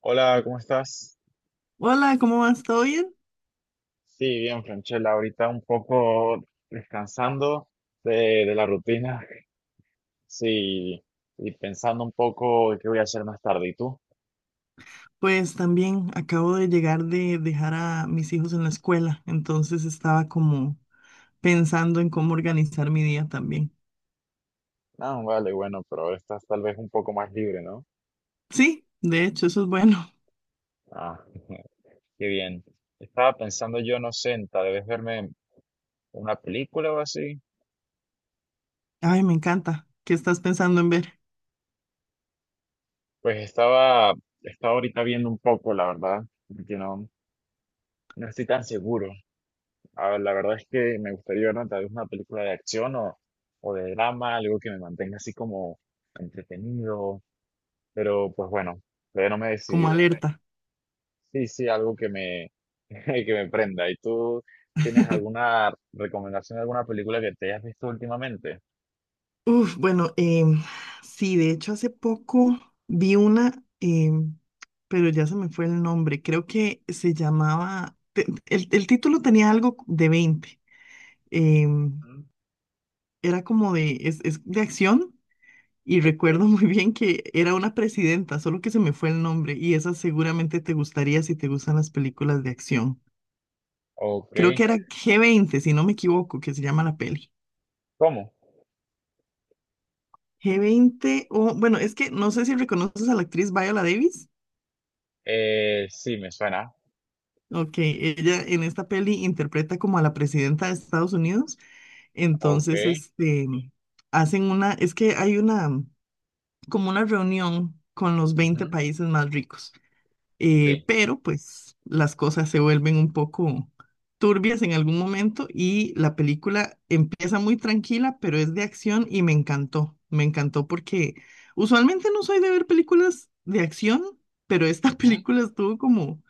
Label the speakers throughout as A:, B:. A: Hola, ¿cómo estás?
B: Hola, ¿cómo vas? ¿Todo bien?
A: Sí, bien, Franchella, ahorita un poco descansando de la rutina, sí, y pensando un poco de qué voy a hacer más tarde. ¿Y tú?
B: Pues también acabo de llegar de dejar a mis hijos en la escuela, entonces estaba como pensando en cómo organizar mi día también.
A: Ah, vale, bueno, pero ahora estás tal vez un poco más libre, ¿no?
B: Sí, de hecho, eso es bueno.
A: Ah, qué bien. Estaba pensando yo, no sé, en tal vez verme una película o así.
B: Ay, me encanta. ¿Qué estás pensando en ver?
A: Pues estaba ahorita viendo un poco, la verdad, porque no estoy tan seguro. A ver, la verdad es que me gustaría ver, ¿no?, tal vez una película de acción o de drama, algo que me mantenga así como entretenido, pero pues bueno, todavía no me he
B: Como
A: decidido.
B: alerta.
A: Sí, sí, que me prenda. ¿Y tú tienes alguna recomendación de alguna película que te hayas visto últimamente?
B: Uf, bueno, sí, de hecho hace poco vi una, em, pero ya se me fue el nombre. Creo que se llamaba el título tenía algo de 20. em,
A: Mm.
B: Era como es de acción. Y
A: Ok,
B: recuerdo muy bien que era una presidenta, solo que se me fue el nombre, y esa seguramente te gustaría si te gustan las películas de acción.
A: ok.
B: Creo que era G20 si no me equivoco, que se llama la peli.
A: ¿Cómo?
B: G20 o bueno, es que no sé si reconoces a la actriz Viola Davis.
A: Sí, me suena.
B: Ok, ella en esta peli interpreta como a la presidenta de Estados Unidos.
A: Ok.
B: Entonces, este, hacen una, es que hay una, como una reunión con los 20
A: Ujú.
B: países más ricos.
A: Sí.
B: Pero pues las cosas se vuelven un poco turbias en algún momento y la película empieza muy tranquila, pero es de acción y me encantó. Me encantó porque usualmente no soy de ver películas de acción, pero esta
A: Ujú.
B: película estuvo como,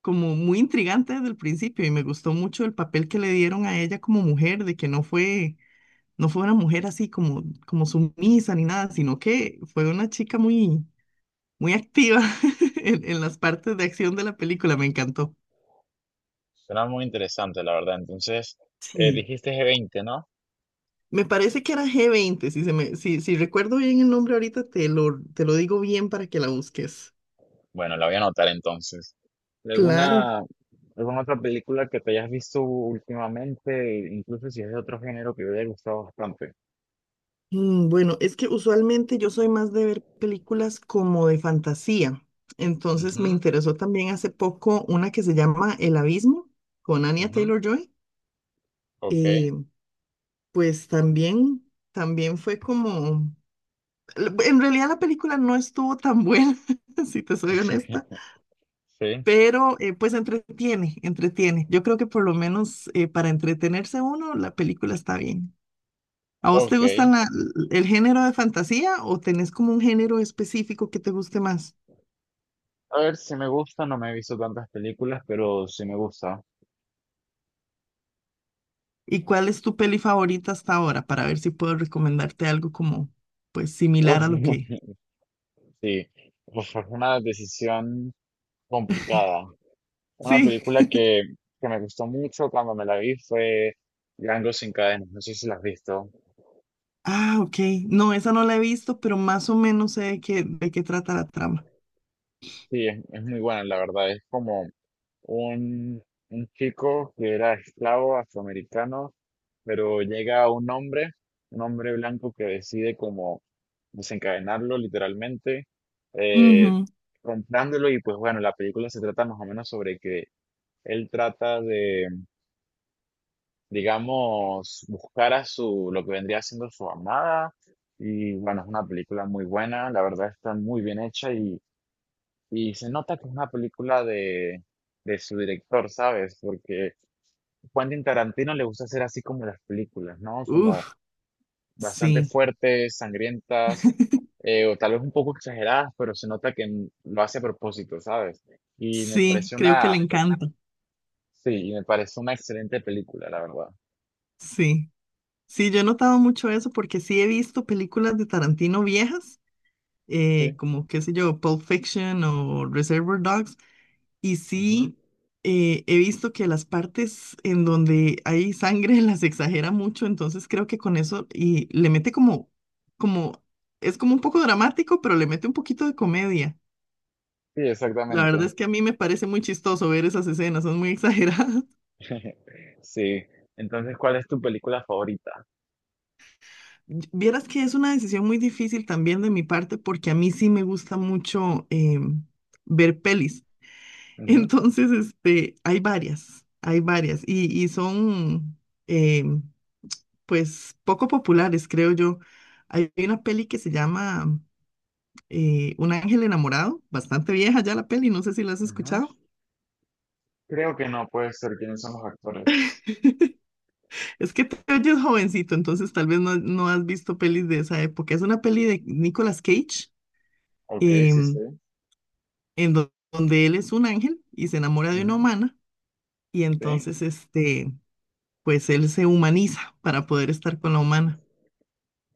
B: como muy intrigante desde el principio y me gustó mucho el papel que le dieron a ella como mujer, de que no fue una mujer así como sumisa ni nada, sino que fue una chica muy muy activa en las partes de acción de la película, me encantó.
A: Suena muy interesante, la verdad. Entonces,
B: Sí,
A: dijiste G20, ¿no?
B: me parece que era G20 si, se me, si, si recuerdo bien el nombre ahorita, te lo digo bien para que la busques.
A: Bueno, la voy a anotar entonces.
B: Claro.
A: ¿Alguna, alguna otra película que te hayas visto últimamente, incluso si es de otro género que te haya gustado bastante?
B: Bueno, es que usualmente yo soy más de ver películas como de fantasía. Entonces me
A: Ujú,
B: interesó también hace poco una que se llama El Abismo con Anya
A: ujú.
B: Taylor-Joy.
A: Ok.
B: Eh, pues también fue como en realidad la película no estuvo tan buena, si te soy honesta,
A: Sí,
B: pero pues entretiene, entretiene. Yo creo que por lo menos para entretenerse uno, la película está bien. ¿A vos te gustan
A: ok.
B: el género de fantasía o tenés como un género específico que te guste más?
A: A ver, si me gusta, no me he visto tantas películas, pero sí me gusta.
B: ¿Y cuál es tu peli favorita hasta ahora? Para ver si puedo recomendarte algo como pues similar
A: Pues,
B: a lo que...
A: sí, pues fue una decisión complicada. Una
B: Sí.
A: película que, que me gustó mucho cuando me la vi fue Django sin cadenas. No sé si la has visto.
B: Ah, ok. No, esa no la he visto, pero más o menos sé de qué trata la trama.
A: Sí, es muy buena, la verdad. Es como un, un chico que era esclavo afroamericano, pero llega un hombre blanco que decide como desencadenarlo literalmente, eh,
B: Ujú.
A: comprándolo, y pues bueno, la película se trata más o menos sobre que él trata de, digamos, buscar a su, lo que vendría siendo su amada. Y bueno, es una película muy buena, la verdad, está muy bien hecha, y se nota que es una película de su director, ¿sabes? Porque Quentin Tarantino le gusta hacer así como las películas, ¿no?
B: Uf,
A: Como bastante
B: sí.
A: fuertes, sangrientas, o tal vez un poco exageradas, pero se nota que lo hace a propósito, ¿sabes? Y me
B: Sí,
A: parece
B: creo que le
A: una, eh,
B: encanta.
A: sí, y me parece una excelente película, la verdad.
B: Sí, sí, yo he notado mucho eso porque sí he visto películas de Tarantino viejas,
A: Sí,
B: como qué sé yo, Pulp Fiction o Reservoir Dogs, y
A: ujú.
B: sí he visto que las partes en donde hay sangre las exagera mucho, entonces creo que con eso y le mete como, es como un poco dramático, pero le mete un poquito de comedia.
A: Sí,
B: La verdad
A: exactamente.
B: es que a mí me parece muy chistoso ver esas escenas, son muy exageradas.
A: Sí. Entonces, ¿cuál es tu película favorita?
B: Vieras que es una decisión muy difícil también de mi parte porque a mí sí me gusta mucho ver pelis.
A: Ujú,
B: Entonces, este, hay varias y son eh, pues poco populares, creo yo. Hay una peli que se llama Un ángel enamorado, bastante vieja ya la peli, no sé si la has
A: ujú.
B: escuchado.
A: Creo que no, puede ser, ¿quiénes son los actores?
B: Es que te oyes jovencito, entonces tal vez no, no has visto pelis de esa época. Es una peli de Nicolas Cage.
A: Ok, sí, sí.
B: em, en donde él es un ángel y se enamora de una
A: Ujú,
B: humana y
A: sí.
B: entonces este, pues él se humaniza para poder estar con la humana.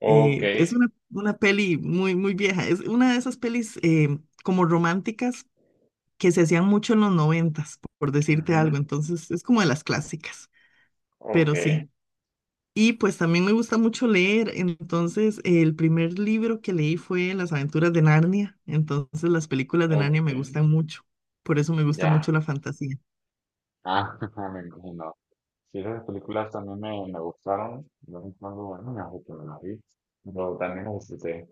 A: Ok.
B: Es una peli muy, muy vieja, es una de esas pelis como románticas que se hacían mucho en los noventas, por decirte
A: Ujú,
B: algo, entonces es como de las clásicas,
A: ok.
B: pero sí. Y pues también me gusta mucho leer, entonces el primer libro que leí fue Las aventuras de Narnia, entonces las películas de Narnia
A: Ok.
B: me gustan mucho, por eso me gusta mucho
A: Ya.
B: la fantasía.
A: Ah, me imagino. Sí, esas películas también me gustaron. De vez en cuando, bueno, me hago que me las vi. Pero también las disfruté.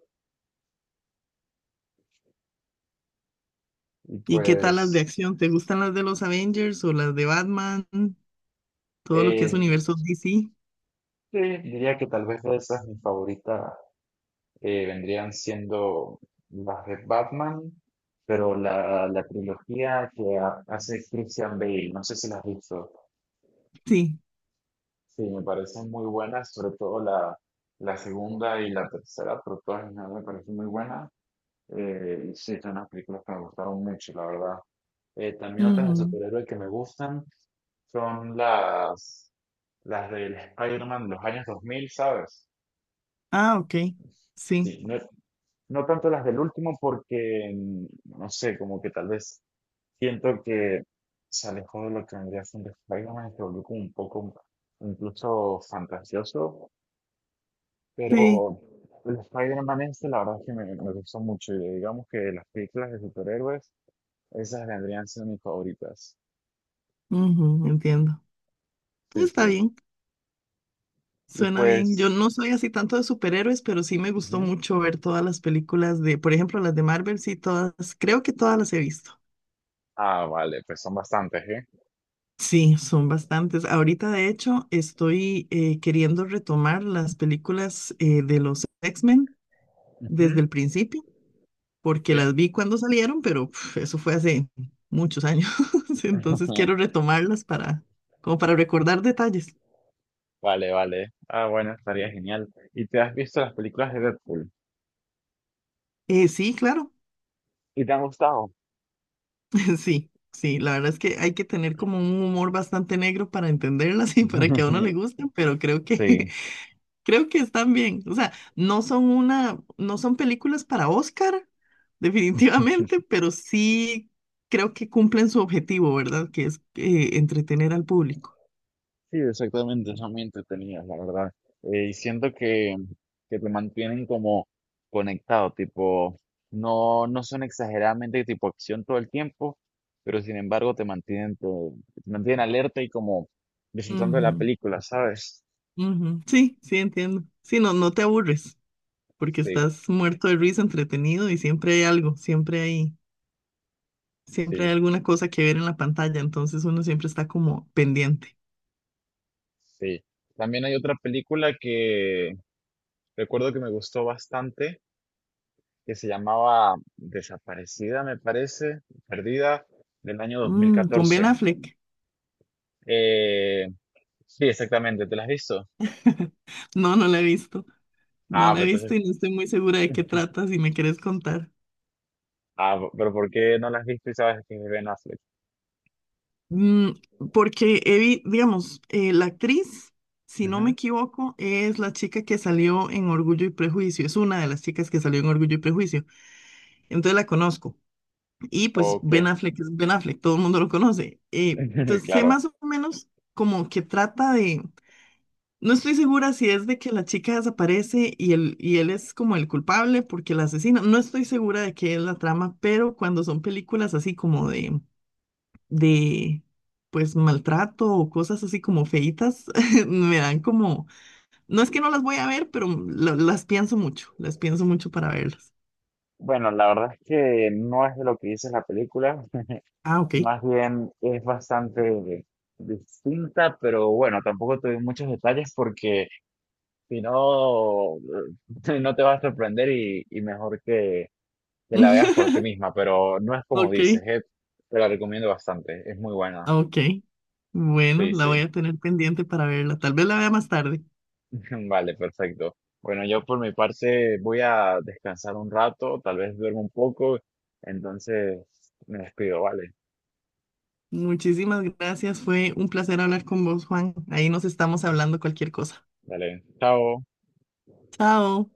A: Y
B: ¿Y qué tal las de
A: pues,
B: acción? ¿Te gustan las de los Avengers o las de Batman? Todo lo que es
A: eh,
B: universo DC.
A: sí, diría que tal vez de esas mi favorita vendrían siendo las de Batman, pero la trilogía que hace Christian Bale. No sé si las has visto.
B: Sí.
A: Sí, me parecen muy buenas, sobre todo la segunda y la tercera, pero todas en general me parecen muy buenas. Y sí, son unas películas que me gustaron mucho, la verdad. También otras de
B: Ujú.
A: superhéroes que me gustan son las del Spider-Man de los años 2000, ¿sabes?
B: Ah, ok. Sí,
A: Sí, no, no tanto las del último porque, no sé, como que tal vez siento que se alejó de lo que vendría siendo Spider-Man y se volvió como un poco incluso fantasioso.
B: sí.
A: Pero el Spider-Man este, la verdad es que me gustó mucho. Y digamos que las películas de superhéroes, esas vendrían siendo mis favoritas.
B: Ujú, entiendo.
A: Sí,
B: Está
A: sí.
B: bien,
A: Y
B: suena bien. Yo
A: pues.
B: no soy así tanto de superhéroes, pero sí me gustó
A: Ujú.
B: mucho ver todas las películas de, por ejemplo, las de Marvel, sí, todas, creo que todas las he visto.
A: Ah, vale, pues son bastantes, ¿eh?
B: Sí, son bastantes. Ahorita, de hecho, estoy queriendo retomar las películas de los X-Men desde
A: Ujú,
B: el principio, porque
A: sí.
B: las vi cuando salieron, pero eso fue hace muchos años. Entonces quiero retomarlas para, como para recordar detalles.
A: Vale, vale. Ah, bueno, estaría genial. ¿Y te has visto las películas de Deadpool?
B: Sí, claro,
A: ¿Y te han gustado?
B: sí, sí. La verdad es que hay que tener como un humor bastante negro para entenderlas y para que a uno le gusten, pero creo
A: Sí.
B: que creo que están bien. O sea, no son películas para Oscar, definitivamente, pero sí creo que cumplen su objetivo, ¿verdad? Que es entretener al público.
A: Sí, exactamente, son muy entretenidas, la verdad. Y siento que te mantienen como conectado, tipo, no, no son exageradamente tipo acción todo el tiempo, pero sin embargo te mantienen, te mantienen alerta y como disfrutando de la
B: Ujú,
A: película, ¿sabes?
B: ujú. Sí, sí, entiendo. Sí, no, no te aburres, porque
A: Sí,
B: estás muerto de risa, entretenido y siempre hay algo, siempre hay
A: sí,
B: alguna cosa que ver en la pantalla, entonces uno siempre está como pendiente.
A: sí. También hay otra película que recuerdo que me gustó bastante, que se llamaba Desaparecida, me parece, Perdida, del año dos mil
B: Mm, con Ben
A: catorce
B: Affleck.
A: Eh, Sí, exactamente, ¿te las has visto?
B: No, no la he visto. No
A: Ah,
B: la
A: pero
B: he visto
A: entonces,
B: y no estoy muy segura de qué trata, si me quieres contar.
A: ah, pero ¿por qué no las has visto y sabes que es de Ben Affleck?
B: Mm, Porque, digamos, la actriz, si no me
A: Ujú.
B: equivoco, es la chica que salió en Orgullo y Prejuicio, es una de las chicas que salió en Orgullo y Prejuicio, entonces la conozco. Y pues
A: Ok,
B: Ben Affleck es Ben Affleck, todo el mundo lo conoce. Entonces sé
A: claro.
B: más o menos como que trata de... No estoy segura si es de que la chica desaparece y él es como el culpable porque la asesina. No estoy segura de qué es la trama, pero cuando son películas así como de de, pues, maltrato o cosas así como feitas, me dan como, no es que no las voy a ver, pero las pienso mucho para verlas.
A: Bueno, la verdad es que no es de lo que dice la película.
B: Ah, ok.
A: Más bien es bastante distinta, pero bueno, tampoco te doy muchos detalles porque si no, no te va a sorprender, y mejor que la veas por ti misma, pero no es como
B: Ok,
A: dices. Eh, te la recomiendo bastante, es muy buena.
B: ok. Bueno,
A: Sí,
B: la voy
A: sí.
B: a tener pendiente para verla. Tal vez la vea más tarde.
A: Vale, perfecto. Bueno, yo por mi parte voy a descansar un rato, tal vez duermo un poco, entonces me despido, vale.
B: Muchísimas gracias. Fue un placer hablar con vos, Juan. Ahí nos estamos hablando cualquier cosa.
A: Dale, chao.
B: Chao.